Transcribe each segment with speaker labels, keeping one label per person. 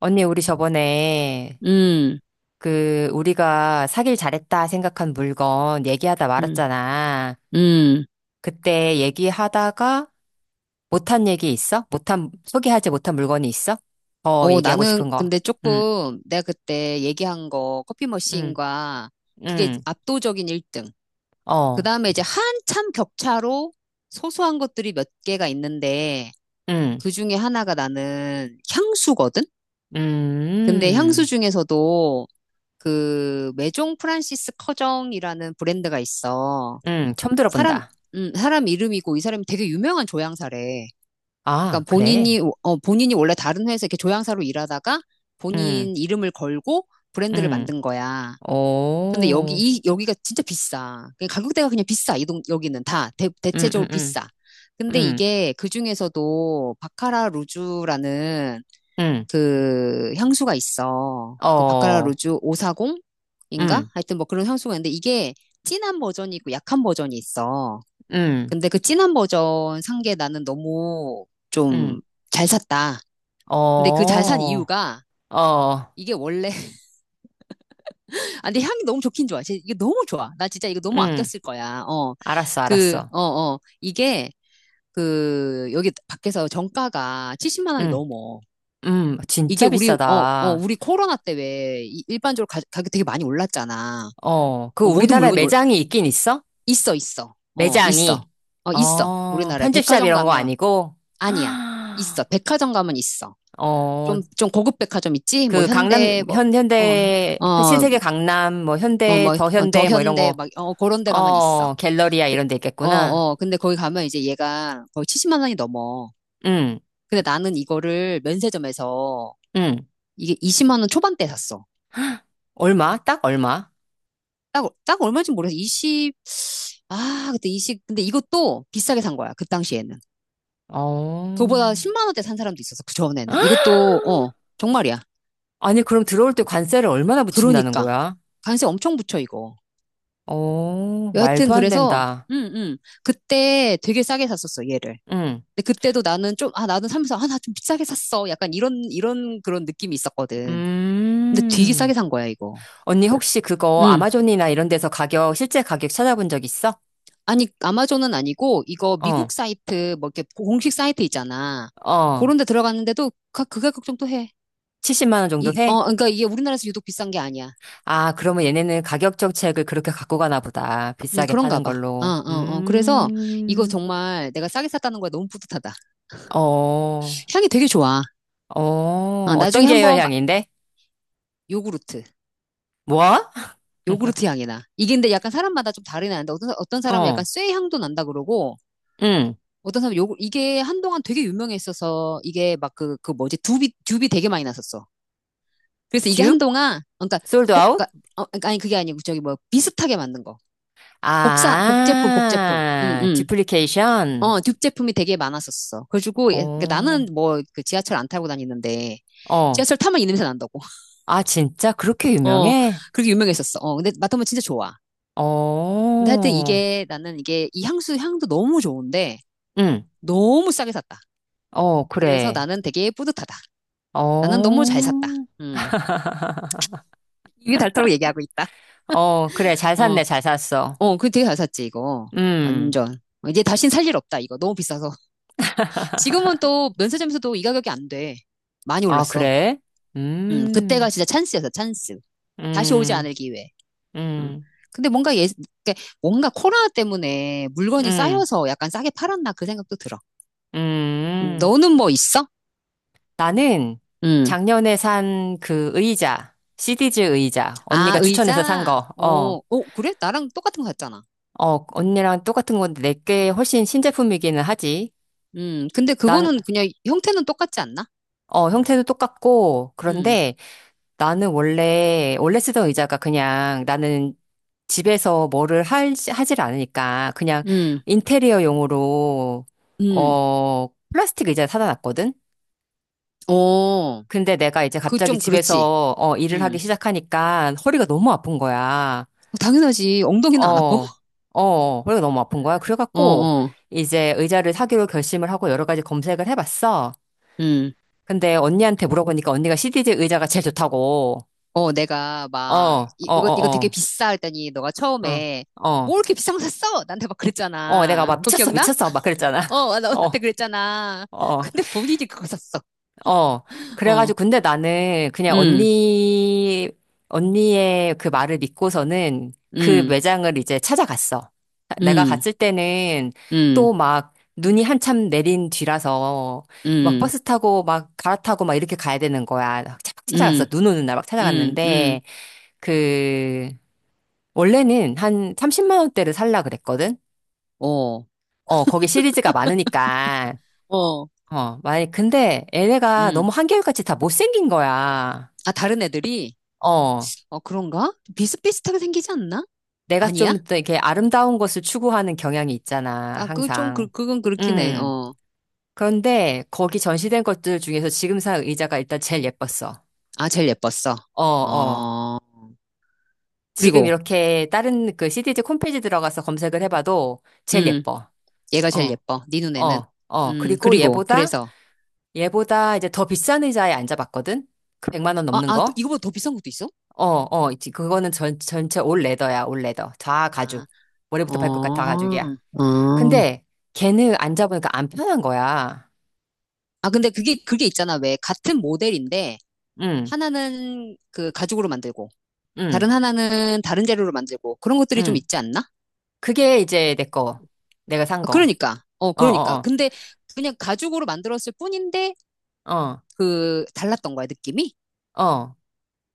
Speaker 1: 언니, 우리 저번에
Speaker 2: 음,
Speaker 1: 그 우리가 사길 잘했다 생각한 물건 얘기하다
Speaker 2: 음,
Speaker 1: 말았잖아.
Speaker 2: 음.
Speaker 1: 그때 얘기하다가 못한 얘기 있어? 못한, 소개하지 못한 물건이 있어? 더
Speaker 2: 어,
Speaker 1: 얘기하고
Speaker 2: 나는
Speaker 1: 싶은 거.
Speaker 2: 근데
Speaker 1: 응,
Speaker 2: 조금 내가 그때 얘기한 거 커피
Speaker 1: 응,
Speaker 2: 머신과 그게
Speaker 1: 응,
Speaker 2: 압도적인 1등. 그
Speaker 1: 어,
Speaker 2: 다음에 이제 한참 격차로 소소한 것들이 몇 개가 있는데
Speaker 1: 응,
Speaker 2: 그 중에 하나가 나는 향수거든? 근데 향수
Speaker 1: 음,
Speaker 2: 중에서도 그 메종 프란시스 커정이라는 브랜드가 있어.
Speaker 1: 응, 처음
Speaker 2: 사람,
Speaker 1: 들어본다.
Speaker 2: 사람 이름이고 이 사람이 되게 유명한 조향사래.
Speaker 1: 아,
Speaker 2: 그러니까
Speaker 1: 그래.
Speaker 2: 본인이 원래 다른 회사에 이렇게 조향사로 일하다가
Speaker 1: 응,
Speaker 2: 본인 이름을 걸고 브랜드를
Speaker 1: 응,
Speaker 2: 만든 거야. 근데 여기
Speaker 1: 오,
Speaker 2: 이 여기가 진짜 비싸. 그냥 가격대가 그냥 비싸. 이동 여기는 다 대,
Speaker 1: 응, 응,
Speaker 2: 대체적으로
Speaker 1: 응,
Speaker 2: 비싸. 근데
Speaker 1: 응,
Speaker 2: 이게 그 중에서도 바카라 루주라는
Speaker 1: 응,
Speaker 2: 그 향수가 있어. 그 바카라
Speaker 1: 어,
Speaker 2: 루주 540인가?
Speaker 1: 응,
Speaker 2: 하여튼 뭐 그런 향수가 있는데 이게 진한 버전이 있고 약한 버전이 있어.
Speaker 1: 응,
Speaker 2: 근데 그 진한 버전 산 게 나는 너무 좀
Speaker 1: 응.
Speaker 2: 잘 샀다. 근데 그 잘
Speaker 1: 어,
Speaker 2: 산 이유가
Speaker 1: 어,
Speaker 2: 이게 원래 아 근데 향이 너무 좋긴 좋아. 진짜 이게 너무 좋아. 나 진짜 이거 너무
Speaker 1: 응,
Speaker 2: 아꼈을 거야. 어.
Speaker 1: 알았어,
Speaker 2: 그,
Speaker 1: 알았어.
Speaker 2: 어, 어. 이게 그 여기 밖에서 정가가 70만 원이
Speaker 1: 응,
Speaker 2: 넘어. 이게
Speaker 1: 진짜
Speaker 2: 우리 어, 어,
Speaker 1: 비싸다.
Speaker 2: 우리 코로나 때 왜 일반적으로 가격 되게 많이 올랐잖아.
Speaker 1: 어, 그
Speaker 2: 어, 모든
Speaker 1: 우리나라에
Speaker 2: 물건이 올
Speaker 1: 매장이 있긴 있어?
Speaker 2: 있어, 있어. 어, 있어.
Speaker 1: 매장이.
Speaker 2: 어, 있어.
Speaker 1: 어,
Speaker 2: 우리나라에
Speaker 1: 편집샵
Speaker 2: 백화점
Speaker 1: 이런 거
Speaker 2: 가면
Speaker 1: 아니고?
Speaker 2: 아니야.
Speaker 1: 아,
Speaker 2: 있어. 백화점 가면 있어.
Speaker 1: 어,
Speaker 2: 좀 고급 백화점 있지? 뭐,
Speaker 1: 그 강남,
Speaker 2: 현대, 뭐,
Speaker 1: 현,
Speaker 2: 어,
Speaker 1: 현대,
Speaker 2: 어,
Speaker 1: 신세계 강남, 뭐
Speaker 2: 뭐,
Speaker 1: 현대,
Speaker 2: 뭐,
Speaker 1: 더
Speaker 2: 어, 더
Speaker 1: 현대, 뭐 이런
Speaker 2: 현대,
Speaker 1: 거,
Speaker 2: 막, 어, 그런 데 가면 있어.
Speaker 1: 어, 갤러리아
Speaker 2: 그,
Speaker 1: 이런 데
Speaker 2: 어,
Speaker 1: 있겠구나.
Speaker 2: 어, 근데 거기 가면 이제 얘가 거의 70만 원이 넘어.
Speaker 1: 응,
Speaker 2: 근데 나는 이거를 면세점에서
Speaker 1: 응.
Speaker 2: 이게 20만 원 초반대 샀어.
Speaker 1: 얼마? 딱 얼마?
Speaker 2: 딱 얼마인지 모르겠어. 20, 아, 그때 20, 근데 이것도 비싸게 산 거야. 그 당시에는.
Speaker 1: 어.
Speaker 2: 그거보다 10만 원대 산 사람도 있었어. 그 전에는. 이것도, 어, 정말이야.
Speaker 1: 아니, 그럼 들어올 때 관세를 얼마나 붙인다는
Speaker 2: 그러니까.
Speaker 1: 거야?
Speaker 2: 관세 엄청 붙여, 이거.
Speaker 1: 어,
Speaker 2: 여하튼
Speaker 1: 말도 안
Speaker 2: 그래서
Speaker 1: 된다.
Speaker 2: 음, 음. 그때 되게 싸게 샀었어, 얘를.
Speaker 1: 응.
Speaker 2: 근데 그때도 나는 좀, 아, 나는 사면서, 아, 나 좀 비싸게 샀어. 약간 이런 그런 느낌이 있었거든. 근데 되게 싸게
Speaker 1: 음.
Speaker 2: 산 거야, 이거.
Speaker 1: 언니 혹시 그거
Speaker 2: 음.
Speaker 1: 아마존이나 이런 데서 가격, 실제 가격 찾아본 적 있어?
Speaker 2: 아니, 아마존은 아니고, 이거
Speaker 1: 어,
Speaker 2: 미국 사이트, 뭐 이렇게 공식 사이트 있잖아.
Speaker 1: 어.
Speaker 2: 그런 데 들어갔는데도 가, 그 가격 정도 해.
Speaker 1: 70만 원 정도
Speaker 2: 이,
Speaker 1: 해?
Speaker 2: 어, 그러니까 이게 우리나라에서 유독 비싼 게 아니야.
Speaker 1: 아, 그러면 얘네는 가격 정책을 그렇게 갖고 가나 보다. 비싸게
Speaker 2: 그런가
Speaker 1: 파는
Speaker 2: 봐. 어,
Speaker 1: 걸로.
Speaker 2: 어, 어. 그래서 이거
Speaker 1: 음.
Speaker 2: 정말 내가 싸게 샀다는 거야. 너무 뿌듯하다.
Speaker 1: 어,
Speaker 2: 향이 되게 좋아.
Speaker 1: 어.
Speaker 2: 어,
Speaker 1: 어떤
Speaker 2: 나중에
Speaker 1: 계열
Speaker 2: 한번
Speaker 1: 향인데?
Speaker 2: 요구르트.
Speaker 1: 뭐?
Speaker 2: 요구르트 향이 나. 이게 근데 약간 사람마다 좀 다르긴 한데 어떤 사람은 약간
Speaker 1: 어.
Speaker 2: 쇠 향도 난다 그러고
Speaker 1: 응.
Speaker 2: 어떤 사람은 요구 이게 한동안 되게 유명했어서 이게 막 그 뭐지 듀비 듀비 되게 많이 났었어. 그래서 이게
Speaker 1: 듀?
Speaker 2: 한동안 어, 그러니까
Speaker 1: 솔드
Speaker 2: 복
Speaker 1: 아웃?
Speaker 2: 그 어, 그러니까 아니 그게 아니고 저기 뭐 비슷하게 만든 거 복사 복제품 복제품
Speaker 1: 아,
Speaker 2: 음음
Speaker 1: 듀플리케이션?
Speaker 2: 어 듀제품이 되게 많았었어. 그래가지고 예, 그러니까
Speaker 1: 어.
Speaker 2: 나는 뭐 그 지하철 안 타고 다니는데
Speaker 1: 어,
Speaker 2: 지하철 타면 이 냄새 난다고.
Speaker 1: 아, 진짜 그렇게
Speaker 2: 어
Speaker 1: 유명해?
Speaker 2: 그렇게 유명했었어. 어 근데 맡으면 진짜 좋아. 근데 하여튼
Speaker 1: 어,
Speaker 2: 이게 나는 이게 이 향수 향도 너무 좋은데
Speaker 1: 응,
Speaker 2: 너무 싸게 샀다.
Speaker 1: 어,
Speaker 2: 그래서
Speaker 1: 그래.
Speaker 2: 나는 되게 뿌듯하다. 나는 너무
Speaker 1: 어,
Speaker 2: 잘 샀다. 음. 이게 닳다고 얘기하고 있다.
Speaker 1: 어, 그래. 잘
Speaker 2: 어,
Speaker 1: 샀네, 잘 샀어.
Speaker 2: 어, 그 되게 잘 샀지, 이거.
Speaker 1: 음,
Speaker 2: 완전. 이제 다신 살 일 없다, 이거. 너무 비싸서. 지금은 또 면세점에서도 이 가격이 안 돼. 많이
Speaker 1: 아,
Speaker 2: 올랐어.
Speaker 1: 그래? 음,
Speaker 2: 그때가 진짜 찬스였어, 찬스. 다시 오지
Speaker 1: 음,
Speaker 2: 않을 기회. 음.
Speaker 1: 음,
Speaker 2: 근데 뭔가 예, 그러니까 뭔가 코로나 때문에 물건이
Speaker 1: 음,
Speaker 2: 쌓여서 약간 싸게 팔았나 그 생각도 들어.
Speaker 1: 음.
Speaker 2: 너는 뭐 있어?
Speaker 1: 나는
Speaker 2: 음.
Speaker 1: 작년에 산 그 의자, 시디즈 의자,
Speaker 2: 아,
Speaker 1: 언니가 추천해서 산
Speaker 2: 의자?
Speaker 1: 거,
Speaker 2: 어,
Speaker 1: 어,
Speaker 2: 어, 그래? 나랑 똑같은 거 샀잖아.
Speaker 1: 어, 언니랑 똑같은 건데 내게 훨씬 신제품이기는 하지.
Speaker 2: 근데
Speaker 1: 난,
Speaker 2: 그거는 그냥 형태는 똑같지 않나?
Speaker 1: 어, 형태도 똑같고,
Speaker 2: 음,
Speaker 1: 그런데 나는 원래 쓰던 의자가 그냥 나는 집에서 뭐를 하질 않으니까 그냥
Speaker 2: 음,
Speaker 1: 인테리어용으로,
Speaker 2: 음.
Speaker 1: 어, 플라스틱 의자 사다 놨거든?
Speaker 2: 어,
Speaker 1: 근데 내가 이제
Speaker 2: 그
Speaker 1: 갑자기
Speaker 2: 좀 그렇지.
Speaker 1: 집에서, 어, 일을 하기
Speaker 2: 음.
Speaker 1: 시작하니까 허리가 너무 아픈 거야.
Speaker 2: 어, 당연하지. 엉덩이는 안 아파?
Speaker 1: 어, 어, 허리가 너무 아픈 거야.
Speaker 2: 어,
Speaker 1: 그래갖고
Speaker 2: 어,
Speaker 1: 이제 의자를 사기로 결심을 하고 여러 가지 검색을 해봤어.
Speaker 2: 음.
Speaker 1: 근데 언니한테 물어보니까 언니가 CDJ 의자가 제일 좋다고.
Speaker 2: 어, 내가
Speaker 1: 어,
Speaker 2: 막,
Speaker 1: 어,
Speaker 2: 이,
Speaker 1: 어,
Speaker 2: 이거, 이거 되게
Speaker 1: 어.
Speaker 2: 비싸 했더니 너가
Speaker 1: 어.
Speaker 2: 처음에
Speaker 1: 어.
Speaker 2: 뭐 이렇게 비싼 거 샀어? 나한테 막
Speaker 1: 어, 내가
Speaker 2: 그랬잖아.
Speaker 1: 막
Speaker 2: 그거
Speaker 1: 미쳤어,
Speaker 2: 기억나?
Speaker 1: 미쳤어, 막
Speaker 2: 어,
Speaker 1: 그랬잖아.
Speaker 2: 어, 나- 나한테
Speaker 1: 어,
Speaker 2: 그랬잖아.
Speaker 1: 어,
Speaker 2: 근데 본인이 그거 샀어.
Speaker 1: 어.
Speaker 2: 어,
Speaker 1: 그래가지고, 근데 나는 그냥
Speaker 2: 음,
Speaker 1: 언니의 그 말을 믿고서는 그
Speaker 2: 음,
Speaker 1: 매장을 이제 찾아갔어. 내가
Speaker 2: 음,
Speaker 1: 갔을 때는 또
Speaker 2: 음,
Speaker 1: 막 눈이 한참 내린 뒤라서 막
Speaker 2: 음,
Speaker 1: 버스 타고 막 갈아타고 막 이렇게 가야 되는 거야. 막
Speaker 2: 음.
Speaker 1: 찾아갔어. 눈 오는 날 막
Speaker 2: 음, 음,
Speaker 1: 찾아갔는데, 그, 원래는 한 30만 원대를 살라 그랬거든?
Speaker 2: 어,
Speaker 1: 어, 거기 시리즈가 많으니까.
Speaker 2: 어,
Speaker 1: 어, 근데 얘네가
Speaker 2: 음.
Speaker 1: 너무 한결같이 다 못생긴 거야.
Speaker 2: 아, 다른 애들이?
Speaker 1: 어,
Speaker 2: 어, 그런가? 비슷비슷하게 생기지 않나?
Speaker 1: 내가
Speaker 2: 아니야?
Speaker 1: 좀 더 이렇게 아름다운 것을 추구하는 경향이 있잖아,
Speaker 2: 아, 그, 좀, 그,
Speaker 1: 항상.
Speaker 2: 그건 그렇긴 해,
Speaker 1: 음.
Speaker 2: 어.
Speaker 1: 그런데 거기 전시된 것들 중에서 지금 산 의자가 일단 제일 예뻤어.
Speaker 2: 아, 제일 예뻤어.
Speaker 1: 어, 어.
Speaker 2: 어,
Speaker 1: 지금
Speaker 2: 그리고,
Speaker 1: 이렇게 다른 그 CDG 홈페이지 들어가서 검색을 해봐도 제일
Speaker 2: 음,
Speaker 1: 예뻐.
Speaker 2: 얘가 제일
Speaker 1: 어,
Speaker 2: 예뻐. 네 눈에는.
Speaker 1: 어, 어. 그리고
Speaker 2: 그리고,
Speaker 1: 얘보다,
Speaker 2: 그래서.
Speaker 1: 얘보다 이제 더 비싼 의자에 앉아봤거든? 그 100만 원
Speaker 2: 아,
Speaker 1: 넘는
Speaker 2: 아, 또
Speaker 1: 거?
Speaker 2: 이거보다 더 비싼 것도 있어?
Speaker 1: 어, 어, 있지. 그거는 전체 올 레더야, 올 레더. 다 가죽.
Speaker 2: 아, 어,
Speaker 1: 머리부터 발끝까지 다 가죽이야.
Speaker 2: 어.
Speaker 1: 근데 걔는 앉아보니까 안 편한 거야.
Speaker 2: 아, 근데 그게, 그게 있잖아. 왜, 같은 모델인데,
Speaker 1: 응,
Speaker 2: 하나는 그 가죽으로 만들고,
Speaker 1: 응,
Speaker 2: 다른 하나는 다른 재료로 만들고, 그런 것들이 좀
Speaker 1: 응.
Speaker 2: 있지 않나?
Speaker 1: 그게 이제 내 거. 내가 산
Speaker 2: 아,
Speaker 1: 거.
Speaker 2: 그러니까. 어,
Speaker 1: 어,
Speaker 2: 그러니까.
Speaker 1: 어,
Speaker 2: 근데 그냥 가죽으로 만들었을 뿐인데
Speaker 1: 어, 어,
Speaker 2: 그 달랐던 거야, 느낌이?
Speaker 1: 어.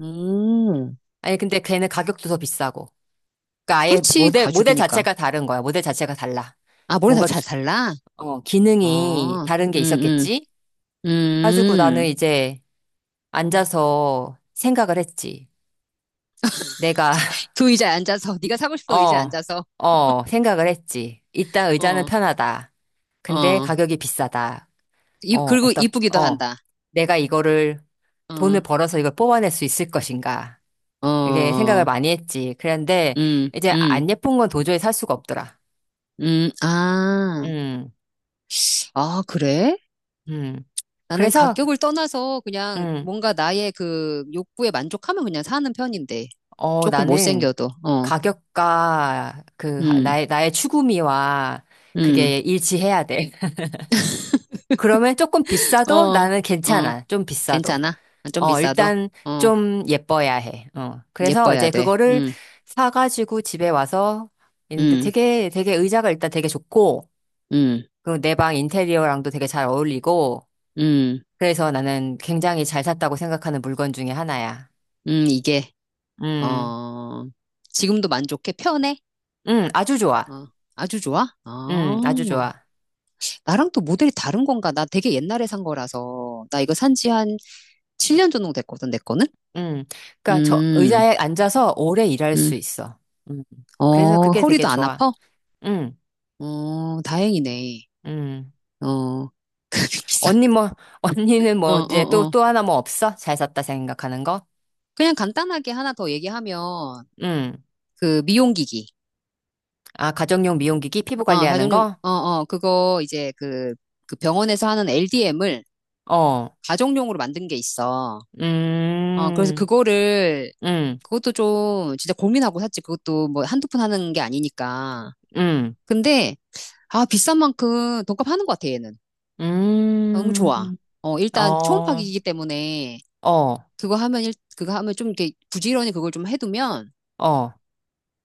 Speaker 2: 음.
Speaker 1: 아니, 근데 걔는 가격도 더 비싸고. 그러니까 아예
Speaker 2: 그렇지,
Speaker 1: 모델, 모델
Speaker 2: 가죽이니까.
Speaker 1: 자체가 다른 거야. 모델 자체가 달라.
Speaker 2: 아, 머리
Speaker 1: 뭔가
Speaker 2: 다잘 달라?
Speaker 1: 기능이
Speaker 2: 어.
Speaker 1: 다른
Speaker 2: 음,
Speaker 1: 게
Speaker 2: 음.
Speaker 1: 있었겠지? 가지고 나는
Speaker 2: 음.
Speaker 1: 이제 앉아서 생각을 했지. 내가
Speaker 2: 그 의자에 앉아서 네가 사고 싶던 의자에
Speaker 1: 어,
Speaker 2: 앉아서
Speaker 1: 어, 생각을 했지. 일단 의자는
Speaker 2: 어.
Speaker 1: 편하다. 근데
Speaker 2: 어.
Speaker 1: 가격이 비싸다.
Speaker 2: 이,
Speaker 1: 어,
Speaker 2: 그리고 이쁘기도
Speaker 1: 어.
Speaker 2: 한다.
Speaker 1: 내가 이거를
Speaker 2: 어.
Speaker 1: 돈을 벌어서 이걸 뽑아낼 수 있을 것인가. 이게 생각을
Speaker 2: 어.
Speaker 1: 많이 했지. 그런데
Speaker 2: 음.
Speaker 1: 이제
Speaker 2: 음.
Speaker 1: 안 예쁜 건 도저히 살 수가 없더라.
Speaker 2: 음. 아.
Speaker 1: 음,
Speaker 2: 아, 그래?
Speaker 1: 음.
Speaker 2: 나는
Speaker 1: 그래서,
Speaker 2: 가격을 떠나서 그냥
Speaker 1: 음,
Speaker 2: 뭔가 나의 그 욕구에 만족하면 그냥 사는 편인데.
Speaker 1: 어,
Speaker 2: 조금
Speaker 1: 나는
Speaker 2: 못생겨도, 어,
Speaker 1: 가격과 그,
Speaker 2: 음,
Speaker 1: 나의 추구미와
Speaker 2: 음,
Speaker 1: 그게 일치해야 돼. 그러면 조금 비싸도
Speaker 2: 어,
Speaker 1: 나는
Speaker 2: 어,
Speaker 1: 괜찮아. 좀 비싸도.
Speaker 2: 괜찮아. 아, 좀
Speaker 1: 어,
Speaker 2: 비싸도,
Speaker 1: 일단
Speaker 2: 어,
Speaker 1: 좀 예뻐야 해. 어. 그래서
Speaker 2: 예뻐야
Speaker 1: 이제
Speaker 2: 돼.
Speaker 1: 그거를 사가지고 집에 와서 있는데
Speaker 2: 음,
Speaker 1: 되게, 되게 의자가 일단 되게 좋고,
Speaker 2: 음,
Speaker 1: 그리고 내 방 인테리어랑도 되게 잘 어울리고,
Speaker 2: 음,
Speaker 1: 그래서 나는 굉장히 잘 샀다고 생각하는 물건 중에 하나야.
Speaker 2: 이게,
Speaker 1: 음,
Speaker 2: 어, 지금도 만족해? 편해?
Speaker 1: 아주 좋아.
Speaker 2: 어, 아주 좋아? 아,
Speaker 1: 아주 좋아.
Speaker 2: 나랑 또 모델이 다른 건가? 나 되게 옛날에 산 거라서. 나 이거 산 지 한 7년 정도 됐거든, 내 거는?
Speaker 1: 음, 그러니까 저
Speaker 2: 음,
Speaker 1: 의자에 앉아서 오래 일할 수
Speaker 2: 음.
Speaker 1: 있어. 음, 그래서
Speaker 2: 어,
Speaker 1: 그게 되게
Speaker 2: 허리도 안
Speaker 1: 좋아.
Speaker 2: 아파?
Speaker 1: 음,
Speaker 2: 어, 다행이네.
Speaker 1: 음.
Speaker 2: 어, 그게 비싸.
Speaker 1: 언니 뭐, 언니는
Speaker 2: 어,
Speaker 1: 뭐 이제 또,
Speaker 2: 어, 어.
Speaker 1: 또 하나 뭐 없어? 잘 샀다 생각하는 거?
Speaker 2: 그냥 간단하게 하나 더 얘기하면,
Speaker 1: 음.
Speaker 2: 그 미용기기.
Speaker 1: 아, 가정용 미용기기 피부
Speaker 2: 어,
Speaker 1: 관리하는
Speaker 2: 가정용,
Speaker 1: 거?
Speaker 2: 어, 어, 그거 이제 그 병원에서 하는 LDM을
Speaker 1: 어.
Speaker 2: 가정용으로 만든 게 있어. 어, 그래서
Speaker 1: 음.
Speaker 2: 그거를,
Speaker 1: 음.
Speaker 2: 그것도 좀 진짜 고민하고 샀지. 그것도 뭐 한두 푼 하는 게 아니니까.
Speaker 1: 음.
Speaker 2: 근데, 아, 비싼 만큼 돈값 하는 것 같아, 얘는. 너무 좋아.
Speaker 1: 음.
Speaker 2: 어, 일단 초음파
Speaker 1: 어.
Speaker 2: 기기이기 때문에
Speaker 1: 어.
Speaker 2: 그거 하면 일, 그거 하면 좀 이렇게 부지런히 그걸 좀 해두면
Speaker 1: 어.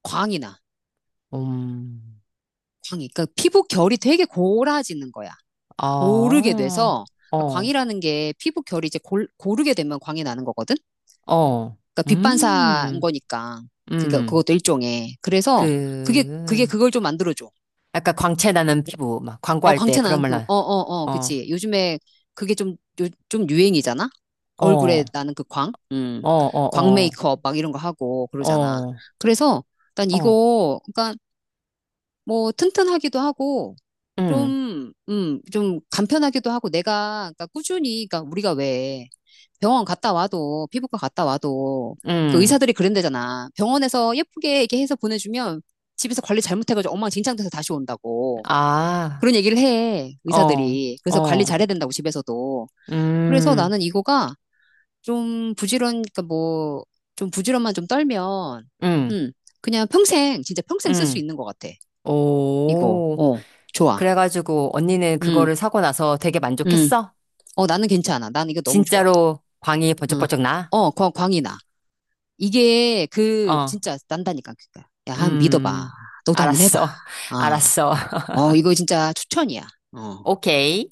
Speaker 2: 광이 나.
Speaker 1: 음.
Speaker 2: 광이. 그러니까 피부 결이 되게 고라지는 거야. 고르게
Speaker 1: 어.
Speaker 2: 돼서 그러니까
Speaker 1: 어.
Speaker 2: 광이라는 게 피부 결이 이제 고르게 되면 광이 나는 거거든.
Speaker 1: 어.
Speaker 2: 그러니까 빛반사인
Speaker 1: 음.
Speaker 2: 거니까 그게
Speaker 1: 음.
Speaker 2: 그것도 일종의.
Speaker 1: 그
Speaker 2: 그래서 그게 그걸 좀 만들어줘.
Speaker 1: 약간 광채 나는 피부 막
Speaker 2: 어
Speaker 1: 광고할 때
Speaker 2: 광채
Speaker 1: 그런
Speaker 2: 나는
Speaker 1: 말
Speaker 2: 그
Speaker 1: 나.
Speaker 2: 어 어 어
Speaker 1: 어.
Speaker 2: 그치. 요즘에 그게 좀 좀 유행이잖아.
Speaker 1: 어.
Speaker 2: 얼굴에
Speaker 1: 어.
Speaker 2: 나는 그 광, 광
Speaker 1: 어.
Speaker 2: 메이크업 막 이런 거 하고
Speaker 1: 어.
Speaker 2: 그러잖아.
Speaker 1: 어.
Speaker 2: 그래서 난
Speaker 1: 어.
Speaker 2: 이거, 그러니까 뭐 튼튼하기도 하고
Speaker 1: 음.
Speaker 2: 좀, 좀 간편하기도 하고 내가 그러니까 꾸준히 그러니까 우리가 왜 병원 갔다 와도 피부과 갔다 와도 그
Speaker 1: 음.
Speaker 2: 의사들이 그런대잖아. 병원에서 예쁘게 이렇게 해서 보내주면 집에서 관리 잘못해가지고 엉망진창돼서 다시 온다고
Speaker 1: 아.
Speaker 2: 그런 얘기를 해
Speaker 1: 어.
Speaker 2: 의사들이. 그래서 관리
Speaker 1: 어.
Speaker 2: 잘해야 된다고 집에서도. 그래서
Speaker 1: 음,
Speaker 2: 나는 이거가 좀 부지런 그러니까 뭐 좀 부지런만 좀 떨면
Speaker 1: 음,
Speaker 2: 음 그냥 평생 진짜 평생 쓸 수
Speaker 1: 음.
Speaker 2: 있는 것 같아. 이거
Speaker 1: 오.
Speaker 2: 어 좋아.
Speaker 1: 그래가지고 언니는
Speaker 2: 음,
Speaker 1: 그거를 사고 나서 되게
Speaker 2: 음.
Speaker 1: 만족했어?
Speaker 2: 어, 나는 괜찮아. 난 이거 너무 좋아.
Speaker 1: 진짜로 광이
Speaker 2: 어,
Speaker 1: 번쩍번쩍 나?
Speaker 2: 어, 광이 나. 이게 그
Speaker 1: 어,
Speaker 2: 진짜 난다니까. 그니까. 야, 한번 믿어봐.
Speaker 1: 음,
Speaker 2: 너도 한번 해봐.
Speaker 1: 알았어.
Speaker 2: 어,
Speaker 1: 알았어.
Speaker 2: 어, 이거 진짜 추천이야. 어.
Speaker 1: 오케이.